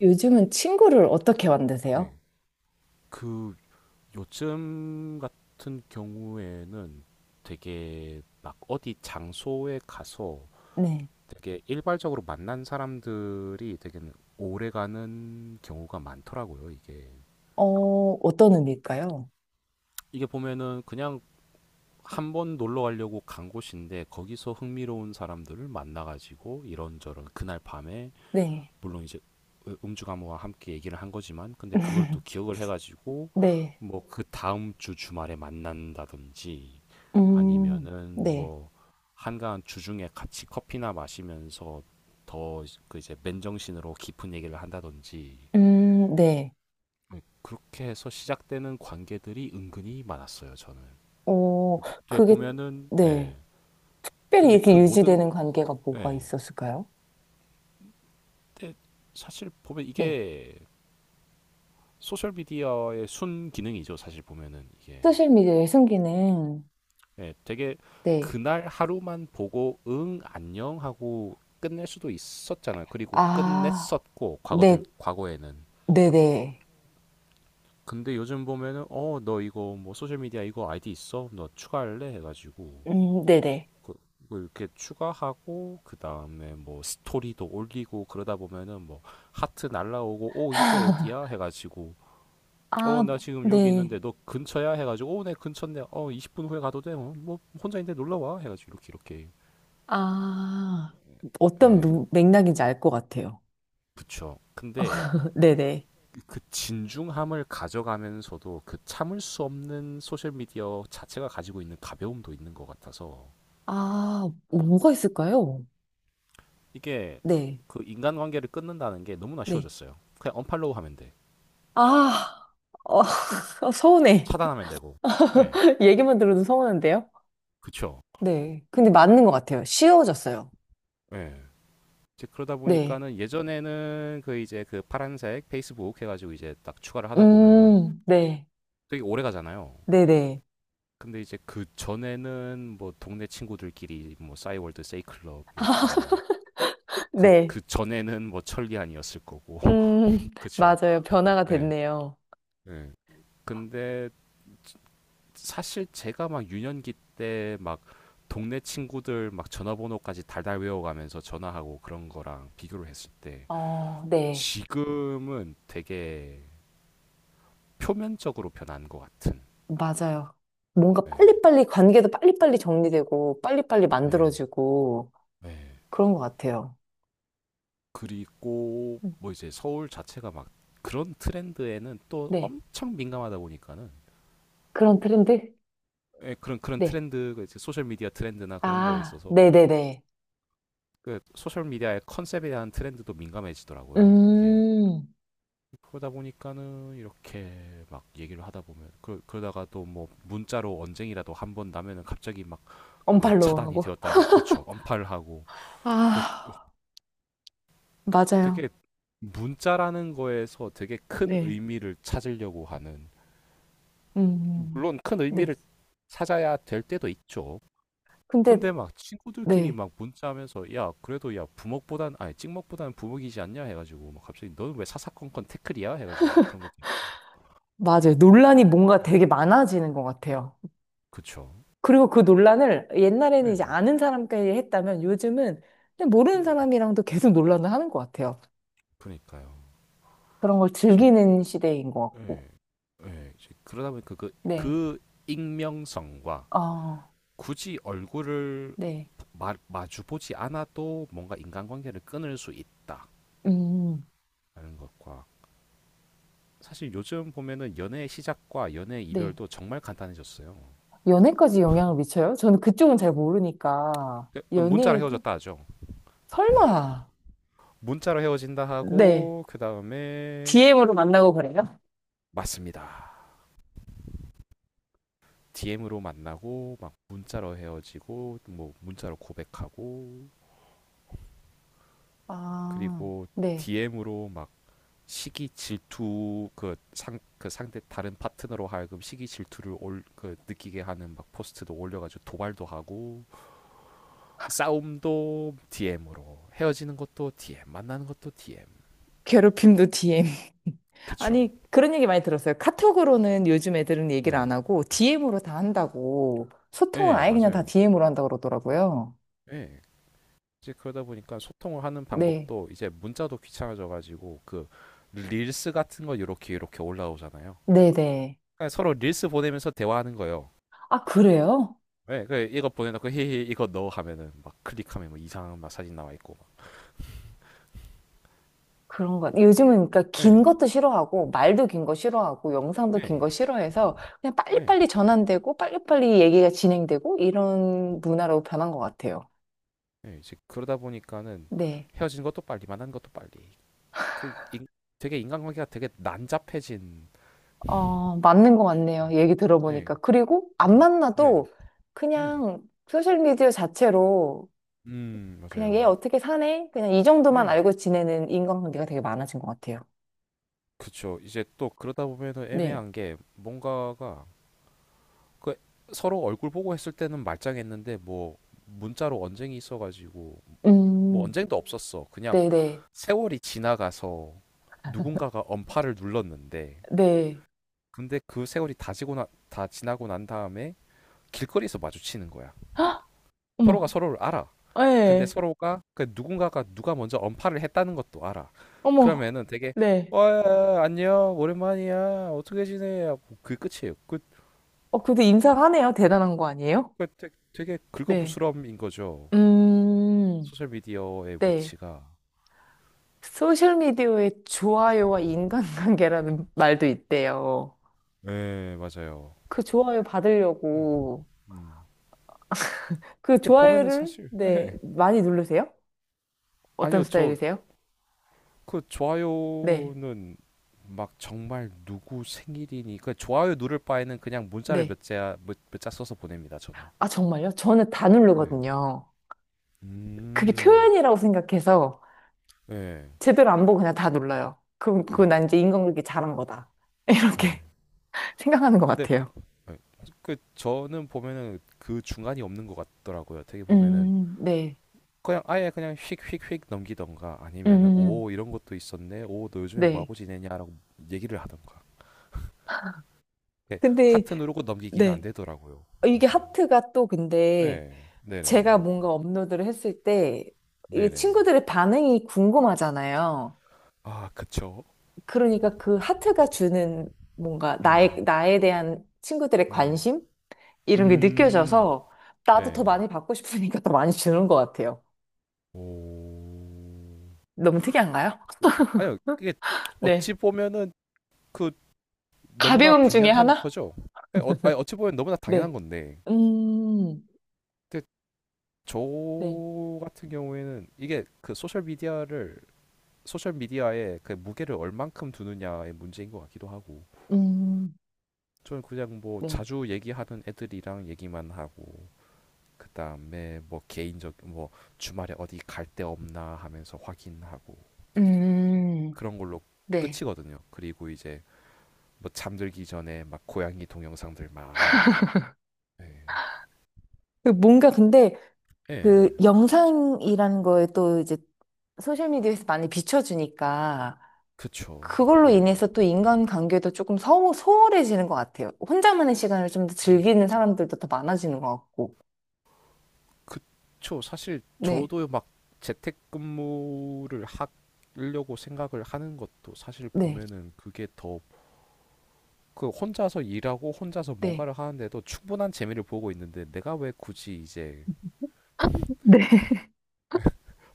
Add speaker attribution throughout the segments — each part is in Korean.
Speaker 1: 요즘은 친구를 어떻게 만드세요?
Speaker 2: 네. 그 요즘 같은 경우에는 되게 막 어디 장소에 가서
Speaker 1: 네,
Speaker 2: 되게 일괄적으로 만난 사람들이 되게 오래가는 경우가 많더라고요, 이게.
Speaker 1: 어, 어떤 의미일까요?
Speaker 2: 이게 보면은 그냥 한번 놀러 가려고 간 곳인데 거기서 흥미로운 사람들을 만나가지고 이런저런 그날 밤에
Speaker 1: 네,
Speaker 2: 물론 이제 음주 감호와 함께 얘기를 한 거지만 근데 그걸 또 기억을 해가지고
Speaker 1: 네,
Speaker 2: 뭐 그 다음 주 주말에 만난다든지
Speaker 1: 음,
Speaker 2: 아니면은
Speaker 1: 네,
Speaker 2: 뭐 한가한 주중에 같이 커피나 마시면서 더 그 이제 맨정신으로 깊은 얘기를 한다든지.
Speaker 1: 네.
Speaker 2: 네, 그렇게 해서 시작되는 관계들이 은근히 많았어요, 저는.
Speaker 1: 어,
Speaker 2: 근
Speaker 1: 그게,
Speaker 2: 보면은, 예.
Speaker 1: 네. 특별히
Speaker 2: 근데
Speaker 1: 이렇게
Speaker 2: 그 모든,
Speaker 1: 유지되는 관계가 뭐가
Speaker 2: 예.
Speaker 1: 있었을까요?
Speaker 2: 근데 사실 보면
Speaker 1: 네.
Speaker 2: 이게 소셜 미디어의 순 기능이죠. 사실 보면은 이게,
Speaker 1: 소셜미디어의 순기능,
Speaker 2: 예, 되게
Speaker 1: 네.
Speaker 2: 그날 하루만 보고 응 안녕 하고 끝낼 수도 있었잖아요. 그리고
Speaker 1: 아,
Speaker 2: 끝냈었고,
Speaker 1: 네,
Speaker 2: 과거들 과거에는.
Speaker 1: 네네.
Speaker 2: 근데 요즘 보면은 어 너 이거 뭐 소셜 미디어 이거 아이디 있어? 너 추가할래? 해가지고
Speaker 1: 네네.
Speaker 2: 그- 그 이렇게 추가하고 그 다음에 뭐 스토리도 올리고 그러다 보면은 뭐 하트 날라오고 오 이거 어디야? 해가지고 어
Speaker 1: 아,
Speaker 2: 나 지금 여기
Speaker 1: 네.
Speaker 2: 있는데 너 근처야? 해가지고 어 내 근처인데 어 20분 후에 가도 돼? 어, 뭐 혼자인데 놀러 와? 해가지고 이렇게 이렇게.
Speaker 1: 아, 어떤
Speaker 2: 예.
Speaker 1: 맥락인지 알 것 같아요.
Speaker 2: 그쵸. 근데
Speaker 1: 네네.
Speaker 2: 그 진중함을 가져가면서도 그 참을 수 없는 소셜미디어 자체가 가지고 있는 가벼움도 있는 것 같아서.
Speaker 1: 아, 뭐가 있을까요?
Speaker 2: 이게
Speaker 1: 네,
Speaker 2: 그 인간관계를 끊는다는 게 너무나
Speaker 1: 네.
Speaker 2: 쉬워졌어요. 그냥 언팔로우 하면 돼.
Speaker 1: 아, 어, 서운해.
Speaker 2: 차단하면 되고. 예.
Speaker 1: 얘기만 들어도 서운한데요?
Speaker 2: 그쵸.
Speaker 1: 네. 근데 맞는 것 같아요. 쉬워졌어요.
Speaker 2: 예. 이제 그러다
Speaker 1: 네.
Speaker 2: 보니까는 예전에는 그 이제 그 파란색 페이스북 해가지고 이제 딱 추가를 하다 보면은
Speaker 1: 네.
Speaker 2: 되게 오래 가잖아요.
Speaker 1: 네네.
Speaker 2: 근데 이제 그 전에는 뭐 동네 친구들끼리 뭐 싸이월드 세이클럽이었고 뭐 그,
Speaker 1: 네.
Speaker 2: 그 전에는 뭐 천리안이었을 거고. 그쵸.
Speaker 1: 맞아요. 변화가
Speaker 2: 예.
Speaker 1: 됐네요.
Speaker 2: 예. 근데 사실 제가 막 유년기 때 막 동네 친구들 막 전화번호까지 달달 외워가면서 전화하고 그런 거랑 비교를 했을 때
Speaker 1: 어, 네.
Speaker 2: 지금은 되게 표면적으로 변한 것 같은.
Speaker 1: 맞아요. 뭔가
Speaker 2: 예.
Speaker 1: 빨리빨리, 관계도 빨리빨리 정리되고, 빨리빨리
Speaker 2: 네.
Speaker 1: 만들어지고,
Speaker 2: 네.
Speaker 1: 그런 것 같아요.
Speaker 2: 그리고
Speaker 1: 음,
Speaker 2: 뭐 이제 서울 자체가 막 그런 트렌드에는 또
Speaker 1: 네.
Speaker 2: 엄청 민감하다 보니까는,
Speaker 1: 그런 트렌드?
Speaker 2: 예, 그런
Speaker 1: 네.
Speaker 2: 트렌드가 이제 소셜 미디어 트렌드나 그런 거에
Speaker 1: 아,
Speaker 2: 있어서
Speaker 1: 네네네.
Speaker 2: 그 소셜 미디어의 컨셉에 대한 트렌드도 민감해지더라고요, 이게.
Speaker 1: 음,
Speaker 2: 그러다 보니까는 이렇게 막 얘기를 하다 보면 그, 그러다가 또 뭐 문자로 언쟁이라도 한 번 나면은 갑자기 막 뭐
Speaker 1: 언팔로우
Speaker 2: 차단이
Speaker 1: 하고.
Speaker 2: 되었다니, 그쵸, 언팔 하고 그
Speaker 1: 아, 맞아요.
Speaker 2: 되게 문자라는 거에서 되게 큰
Speaker 1: 네.
Speaker 2: 의미를 찾으려고 하는,
Speaker 1: 음,
Speaker 2: 물론 큰
Speaker 1: 네.
Speaker 2: 의미를 찾아야 될 때도 있죠.
Speaker 1: 근데,
Speaker 2: 근데 막 친구들끼리
Speaker 1: 네.
Speaker 2: 막 문자하면서 야 그래도 야 부먹보단 아니 찍먹보다는 부먹이지 않냐 해가지고 막 갑자기 너는 왜 사사건건 태클이야 해가지고 막 그런 것도
Speaker 1: 맞아요. 논란이 뭔가
Speaker 2: 있고. 네.
Speaker 1: 되게 많아지는 것 같아요.
Speaker 2: 그쵸.
Speaker 1: 그리고 그 논란을 옛날에는
Speaker 2: 네.
Speaker 1: 이제 아는 사람끼리 했다면 요즘은 그냥
Speaker 2: 음,
Speaker 1: 모르는 사람이랑도 계속 논란을 하는 것 같아요.
Speaker 2: 그러니까요.
Speaker 1: 그런 걸
Speaker 2: 즉,
Speaker 1: 즐기는 시대인 것 같고.
Speaker 2: 예, 예, 즉, 그러다 보니까 그,
Speaker 1: 네.
Speaker 2: 그 익명성과
Speaker 1: 아,
Speaker 2: 굳이 얼굴을
Speaker 1: 네.
Speaker 2: 마, 마주보지 않아도 뭔가 인간관계를 끊을 수 있다라는
Speaker 1: 음,
Speaker 2: 것과 사실 요즘 보면은 연애 시작과 연애
Speaker 1: 네.
Speaker 2: 이별도 정말 간단해졌어요.
Speaker 1: 연애까지 영향을 미쳐요? 저는 그쪽은 잘 모르니까.
Speaker 2: 그, 문자로
Speaker 1: 연애에도?
Speaker 2: 헤어졌다 하죠.
Speaker 1: 설마.
Speaker 2: 문자로 헤어진다
Speaker 1: 네.
Speaker 2: 하고 그 다음에.
Speaker 1: DM으로 만나고 그래요?
Speaker 2: 맞습니다. DM으로 만나고 막 문자로 헤어지고 뭐 문자로 고백하고
Speaker 1: 아,
Speaker 2: 그리고
Speaker 1: 네.
Speaker 2: DM으로 막 시기 질투 그 상 그 상대 다른 파트너로 하여금 시기 질투를 올 그 느끼게 하는 막 포스트도 올려가지고 도발도 하고 싸움도 DM으로, 헤어지는 것도 DM, 만나는 것도 DM.
Speaker 1: 괴롭힘도 DM.
Speaker 2: 그쵸.
Speaker 1: 아니, 그런 얘기 많이 들었어요. 카톡으로는 요즘 애들은 얘기를 안
Speaker 2: 네.
Speaker 1: 하고, DM으로 다 한다고. 소통을
Speaker 2: 네,
Speaker 1: 아예 그냥 다
Speaker 2: 맞아요.
Speaker 1: DM으로 한다고 그러더라고요.
Speaker 2: 네. 이제 그러다 보니까 소통을 하는
Speaker 1: 네.
Speaker 2: 방법도 이제 문자도 귀찮아져가지고 그 릴스 같은 거 이렇게 이렇게 올라오잖아요.
Speaker 1: 네네.
Speaker 2: 그러니까 서로 릴스 보내면서 대화하는 거예요.
Speaker 1: 아, 그래요?
Speaker 2: 예, 네, 그 이거 보내놓고 히히 이거 넣어 하면은 막 클릭하면 뭐 이상한 막 사진 나와 있고 막.
Speaker 1: 그런 것요 요즘은 그러니까 긴
Speaker 2: 예,
Speaker 1: 것도 싫어하고, 말도 긴 거 싫어하고, 영상도 긴
Speaker 2: 예,
Speaker 1: 거 싫어해서, 그냥
Speaker 2: 예,
Speaker 1: 빨리빨리 전환되고, 빨리빨리 얘기가 진행되고, 이런 문화로 변한 것 같아요.
Speaker 2: 예. 이제 그러다 보니까는
Speaker 1: 네.
Speaker 2: 헤어진 것도 빨리, 만난 것도 빨리. 그 인- 되게 인간관계가 되게 난잡해진.
Speaker 1: 어, 맞는 것 같네요. 얘기
Speaker 2: 네,
Speaker 1: 들어보니까.
Speaker 2: 네,
Speaker 1: 그리고 안
Speaker 2: 네. 네,
Speaker 1: 만나도
Speaker 2: 음,
Speaker 1: 그냥 소셜미디어 자체로 그냥 얘
Speaker 2: 맞아요.
Speaker 1: 어떻게 사네? 그냥 이 정도만
Speaker 2: 네.
Speaker 1: 알고 지내는 인간관계가 되게 많아진 것 같아요.
Speaker 2: 그쵸. 이제 또 그러다 보면은
Speaker 1: 네.
Speaker 2: 애매한 게 뭔가가 그 서로 얼굴 보고 했을 때는 말짱했는데 뭐 문자로 언쟁이 있어가지고 뭐
Speaker 1: 음,
Speaker 2: 언쟁도 없었어. 그냥
Speaker 1: 네네.
Speaker 2: 세월이 지나가서 누군가가 언팔을 눌렀는데,
Speaker 1: 네.
Speaker 2: 근데 그 세월이 다 지고 나, 다 지나고 난 다음에 길거리에서 마주치는 거야.
Speaker 1: 헉,
Speaker 2: 서로가
Speaker 1: 어머.
Speaker 2: 서로를 알아. 근데
Speaker 1: 네.
Speaker 2: 서로가 그 누군가가 누가 먼저 언팔을 했다는 것도 알아.
Speaker 1: 어머.
Speaker 2: 그러면은 되게
Speaker 1: 네.
Speaker 2: 와 안녕 오랜만이야 어떻게 지내? 하고 그게 끝이에요. 그
Speaker 1: 어, 그래도 인사하네요. 대단한 거 아니에요?
Speaker 2: 그러니까 되게
Speaker 1: 네.
Speaker 2: 긁어부스럼인 거죠.
Speaker 1: 음,
Speaker 2: 소셜 미디어의
Speaker 1: 네.
Speaker 2: 위치가.
Speaker 1: 소셜미디어에 좋아요와 인간관계라는 말도 있대요.
Speaker 2: 네, 맞아요.
Speaker 1: 그 좋아요
Speaker 2: 네.
Speaker 1: 받으려고.
Speaker 2: 음.
Speaker 1: 그
Speaker 2: 근데 보면은
Speaker 1: 좋아요를
Speaker 2: 사실,
Speaker 1: 네
Speaker 2: 예.
Speaker 1: 많이 누르세요? 어떤
Speaker 2: 아니요, 저
Speaker 1: 스타일이세요?
Speaker 2: 그
Speaker 1: 네,
Speaker 2: 좋아요는 막 정말 누구 생일이니 그 좋아요 누를 바에는 그냥 문자를
Speaker 1: 네.
Speaker 2: 몇 자, 몇, 몇자 써서 보냅니다, 저는.
Speaker 1: 아 정말요? 저는 다
Speaker 2: 네.
Speaker 1: 누르거든요. 그게
Speaker 2: 음.
Speaker 1: 표현이라고 생각해서
Speaker 2: 예.
Speaker 1: 제대로 안 보고 그냥 다 눌러요. 그럼
Speaker 2: 예.
Speaker 1: 그건 난 이제 인간극이 잘한 거다
Speaker 2: 예.
Speaker 1: 이렇게 생각하는 것
Speaker 2: 근데,
Speaker 1: 같아요.
Speaker 2: 예. 그 저는 보면은 그 중간이 없는 것 같더라고요. 되게 보면은
Speaker 1: 네,
Speaker 2: 그냥 아예 그냥 휙휙휙 넘기던가 아니면은
Speaker 1: 음,
Speaker 2: 오 이런 것도 있었네 오 너 요즘에 뭐
Speaker 1: 네,
Speaker 2: 하고 지내냐라고 얘기를 하던가. 예,
Speaker 1: 근데
Speaker 2: 하트 누르고 넘기기는 안
Speaker 1: 네
Speaker 2: 되더라고요.
Speaker 1: 어, 이게
Speaker 2: 맞아.
Speaker 1: 하트가 또 근데
Speaker 2: 네.
Speaker 1: 제가
Speaker 2: 네네.
Speaker 1: 뭔가 업로드를 했을 때 이게
Speaker 2: 네네.
Speaker 1: 친구들의 반응이 궁금하잖아요.
Speaker 2: 아, 그쵸.
Speaker 1: 그러니까 그 하트가 주는 뭔가 나에,
Speaker 2: 음
Speaker 1: 나에 대한 친구들의
Speaker 2: 음
Speaker 1: 관심? 이런 게
Speaker 2: 음.
Speaker 1: 느껴져서
Speaker 2: 네.
Speaker 1: 나도 더 많이 받고 싶으니까 더 많이 주는 것 같아요.
Speaker 2: 오.
Speaker 1: 너무 특이한가요?
Speaker 2: 그, 아니요 그게 어찌
Speaker 1: 네.
Speaker 2: 보면은 그 너무나
Speaker 1: 가벼움 중에
Speaker 2: 당연한
Speaker 1: 하나?
Speaker 2: 거죠. 예, 어, 아니, 어찌 보면 너무나 당연한
Speaker 1: 네.
Speaker 2: 건데
Speaker 1: 음,
Speaker 2: 근데 저
Speaker 1: 네.
Speaker 2: 같은 경우에는 이게 그 소셜 미디어를 소셜 미디어에 그 무게를 얼만큼 두느냐의 문제인 것 같기도 하고.
Speaker 1: 음,
Speaker 2: 저는 그냥 뭐
Speaker 1: 네.
Speaker 2: 자주 얘기하는 애들이랑 얘기만 하고 그 다음에 뭐 개인적 뭐 주말에 어디 갈데 없나 하면서 확인하고
Speaker 1: 음,
Speaker 2: 그런 걸로
Speaker 1: 네.
Speaker 2: 끝이거든요. 그리고 이제 뭐 잠들기 전에 막 고양이 동영상들 많이 보고. 예,
Speaker 1: 그 뭔가 근데
Speaker 2: 예.
Speaker 1: 그 영상이라는 거에 또 이제 소셜미디어에서 많이 비춰주니까
Speaker 2: 그쵸.
Speaker 1: 그걸로
Speaker 2: 예.
Speaker 1: 인해서 또 인간관계도 조금 소홀해지는 것 같아요. 혼자만의 시간을 좀 더
Speaker 2: 음.
Speaker 1: 즐기는 사람들도 더 많아지는 것 같고.
Speaker 2: 저 사실
Speaker 1: 네,
Speaker 2: 저도 막 재택근무를 하려고 생각을 하는 것도 사실
Speaker 1: 네,
Speaker 2: 보면은 그게 더 그 혼자서 일하고 혼자서
Speaker 1: 네.
Speaker 2: 뭔가를 하는데도 충분한 재미를 보고 있는데 내가 왜 굳이 이제
Speaker 1: 네.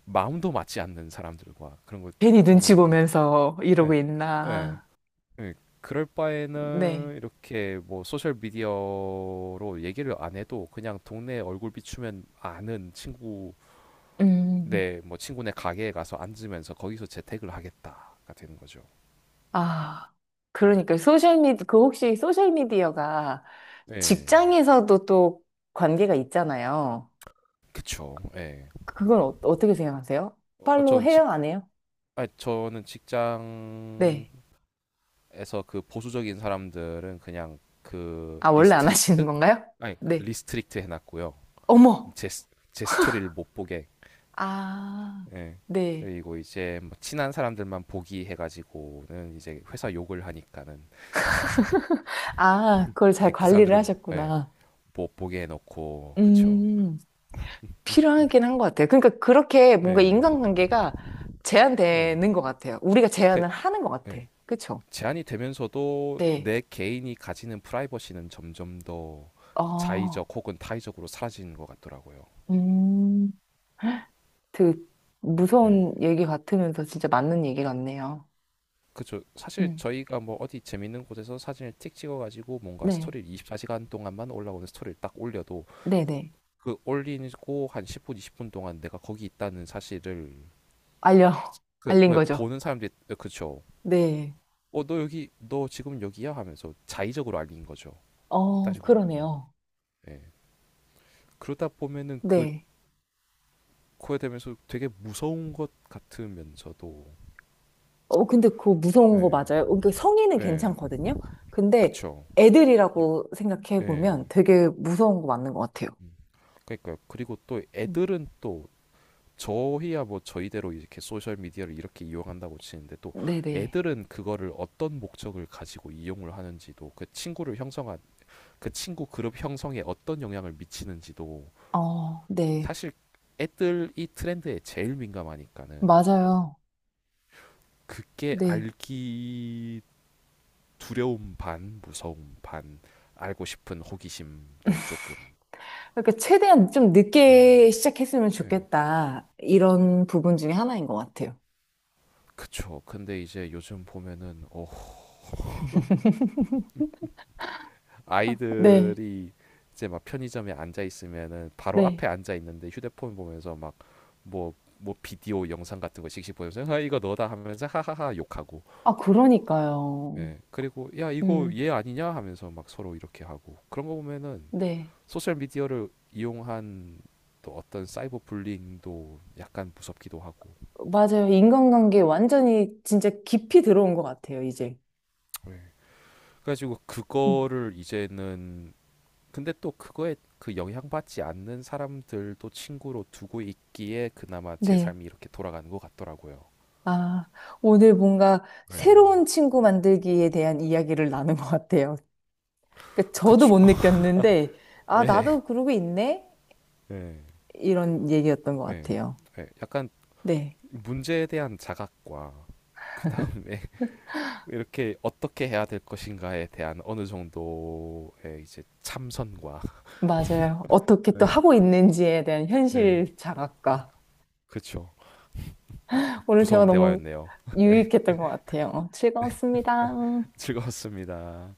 Speaker 2: 마음도 맞지 않는 사람들과 그런
Speaker 1: 괜히
Speaker 2: 거다
Speaker 1: 눈치
Speaker 2: 보니까.
Speaker 1: 보면서 이러고
Speaker 2: 예, 예,
Speaker 1: 있나.
Speaker 2: 예. 그럴
Speaker 1: 네.
Speaker 2: 바에는 이렇게 뭐 소셜 미디어로 얘기를 안 해도 그냥 동네 얼굴 비추면 아는 친구,
Speaker 1: 음,
Speaker 2: 네, 뭐 친구네 가게에 가서 앉으면서 거기서 재택을 하겠다가 되는 거죠.
Speaker 1: 아, 그러니까 소셜미디, 그 혹시 소셜미디어가
Speaker 2: 예,
Speaker 1: 직장에서도 또 관계가 있잖아요.
Speaker 2: 그쵸. 예,
Speaker 1: 그건 어, 어떻게 생각하세요?
Speaker 2: 어,
Speaker 1: 팔로우 해요? 안 해요?
Speaker 2: 아, 저는 직장
Speaker 1: 네.
Speaker 2: 에서 그 보수적인 사람들은 그냥 그
Speaker 1: 아, 원래 안 하시는
Speaker 2: 리스트릭트,
Speaker 1: 건가요?
Speaker 2: 아니 그
Speaker 1: 네.
Speaker 2: 리스트릭트 해놨고요.
Speaker 1: 어머!
Speaker 2: 제 스토리를 못 보게.
Speaker 1: 아,
Speaker 2: 예.
Speaker 1: 네.
Speaker 2: 그리고 이제 뭐 친한 사람들만 보기 해가지고는 이제 회사 욕을 하니까는
Speaker 1: 아, 그걸 잘
Speaker 2: 예, 그
Speaker 1: 관리를
Speaker 2: 사람들은 예,
Speaker 1: 하셨구나.
Speaker 2: 못 보게 해놓고 그쵸.
Speaker 1: 음, 필요하긴 한 것 같아요. 그러니까 그렇게 뭔가
Speaker 2: 예,
Speaker 1: 인간관계가
Speaker 2: 예.
Speaker 1: 제한되는 것 같아요. 우리가
Speaker 2: 그,
Speaker 1: 제한을 하는 것 같아.
Speaker 2: 예.
Speaker 1: 그쵸?
Speaker 2: 제한이 되면서도
Speaker 1: 네.
Speaker 2: 내 개인이 가지는 프라이버시는 점점 더
Speaker 1: 어,
Speaker 2: 자의적 혹은 타의적으로 사라지는 것 같더라고요.
Speaker 1: 음, 그
Speaker 2: 예.
Speaker 1: 무서운 얘기 같으면서 진짜 맞는 얘기 같네요.
Speaker 2: 그쵸. 사실
Speaker 1: 음,
Speaker 2: 저희가 뭐 어디 재밌는 곳에서 사진을 틱 찍어가지고 뭔가
Speaker 1: 네.
Speaker 2: 스토리를 24시간 동안만 올라오는 스토리를 딱 올려도
Speaker 1: 네네.
Speaker 2: 그 올리고 한 10분, 20분 동안 내가 거기 있다는 사실을
Speaker 1: 알려,
Speaker 2: 그
Speaker 1: 알린
Speaker 2: 왜
Speaker 1: 거죠.
Speaker 2: 보는 사람들이 어, 그쵸.
Speaker 1: 네.
Speaker 2: 어, 너 여기 너 지금 여기야 하면서 자의적으로 알린 거죠.
Speaker 1: 어,
Speaker 2: 따지고 보면은.
Speaker 1: 그러네요.
Speaker 2: 예. 그러다 보면은 그
Speaker 1: 네.
Speaker 2: 코에 대면서 되게 무서운 것 같으면서도.
Speaker 1: 어, 근데 그거 무서운 거
Speaker 2: 예.
Speaker 1: 맞아요? 그러니까 성인은
Speaker 2: 예.
Speaker 1: 괜찮거든요? 근데
Speaker 2: 그쵸. 유-
Speaker 1: 애들이라고 생각해
Speaker 2: 예.
Speaker 1: 보면 되게 무서운 거 맞는 것 같아요.
Speaker 2: 음. 그러니까 그리고 또
Speaker 1: 음.
Speaker 2: 애들은 또 저희야 뭐 저희대로 이렇게 소셜 미디어를 이렇게 이용한다고 치는데 또
Speaker 1: 네네.
Speaker 2: 애들은 그거를 어떤 목적을 가지고 이용을 하는지도 그 친구를 형성한 그 친구 그룹 형성에 어떤 영향을 미치는지도
Speaker 1: 어, 네.
Speaker 2: 사실 애들이 트렌드에 제일 민감하니까는
Speaker 1: 맞아요.
Speaker 2: 이게
Speaker 1: 네.
Speaker 2: 알기 두려움 반 무서움 반 알고 싶은 호기심도 조금.
Speaker 1: 그러니까 최대한 좀
Speaker 2: 예.
Speaker 1: 늦게 시작했으면
Speaker 2: 예.
Speaker 1: 좋겠다. 이런 부분 중에 하나인 것 같아요.
Speaker 2: 그쵸. 근데 이제 요즘 보면은 어
Speaker 1: 네,
Speaker 2: 아이들이 이제 막 편의점에 앉아 있으면은 바로
Speaker 1: 네.
Speaker 2: 앞에 앉아 있는데 휴대폰 보면서 막 뭐 뭐 비디오 영상 같은 거 씩씩 보면서 아 이거 너다 하면서 하하하 욕하고
Speaker 1: 아, 그러니까요.
Speaker 2: 예 그리고 야 이거
Speaker 1: 음.
Speaker 2: 얘 아니냐 하면서 막 서로 이렇게 하고 그런 거 보면은
Speaker 1: 네.
Speaker 2: 소셜 미디어를 이용한 또 어떤 사이버 불링도 약간 무섭기도 하고.
Speaker 1: 맞아요. 인간관계 완전히 진짜 깊이 들어온 것 같아요, 이제.
Speaker 2: 예. 그래가지고
Speaker 1: 음,
Speaker 2: 그거를 이제는, 근데 또 그거에 그 영향받지 않는 사람들도 친구로 두고 있기에 그나마 제
Speaker 1: 네.
Speaker 2: 삶이 이렇게 돌아가는 것 같더라고요.
Speaker 1: 아, 오늘 뭔가
Speaker 2: 예.
Speaker 1: 새로운 친구 만들기에 대한 이야기를 나눈 것 같아요. 그러니까 저도
Speaker 2: 그쵸.
Speaker 1: 못 느꼈는데, 아,
Speaker 2: 예.
Speaker 1: 나도 그러고 있네?
Speaker 2: 예.
Speaker 1: 이런 얘기였던 것
Speaker 2: 예.
Speaker 1: 같아요.
Speaker 2: 예. 약간
Speaker 1: 네,
Speaker 2: 문제에 대한 자각과 그 다음에 이렇게 어떻게 해야 될 것인가에 대한 어느 정도의 이제 참선과
Speaker 1: 맞아요. 어떻게 또
Speaker 2: 네,
Speaker 1: 하고 있는지에 대한
Speaker 2: 네,
Speaker 1: 현실 자각과.
Speaker 2: 그렇죠.
Speaker 1: 오늘 대화
Speaker 2: 무서운
Speaker 1: 너무
Speaker 2: 대화였네요. 네,
Speaker 1: 유익했던 것 같아요.
Speaker 2: 네,
Speaker 1: 즐거웠습니다.
Speaker 2: 즐거웠습니다.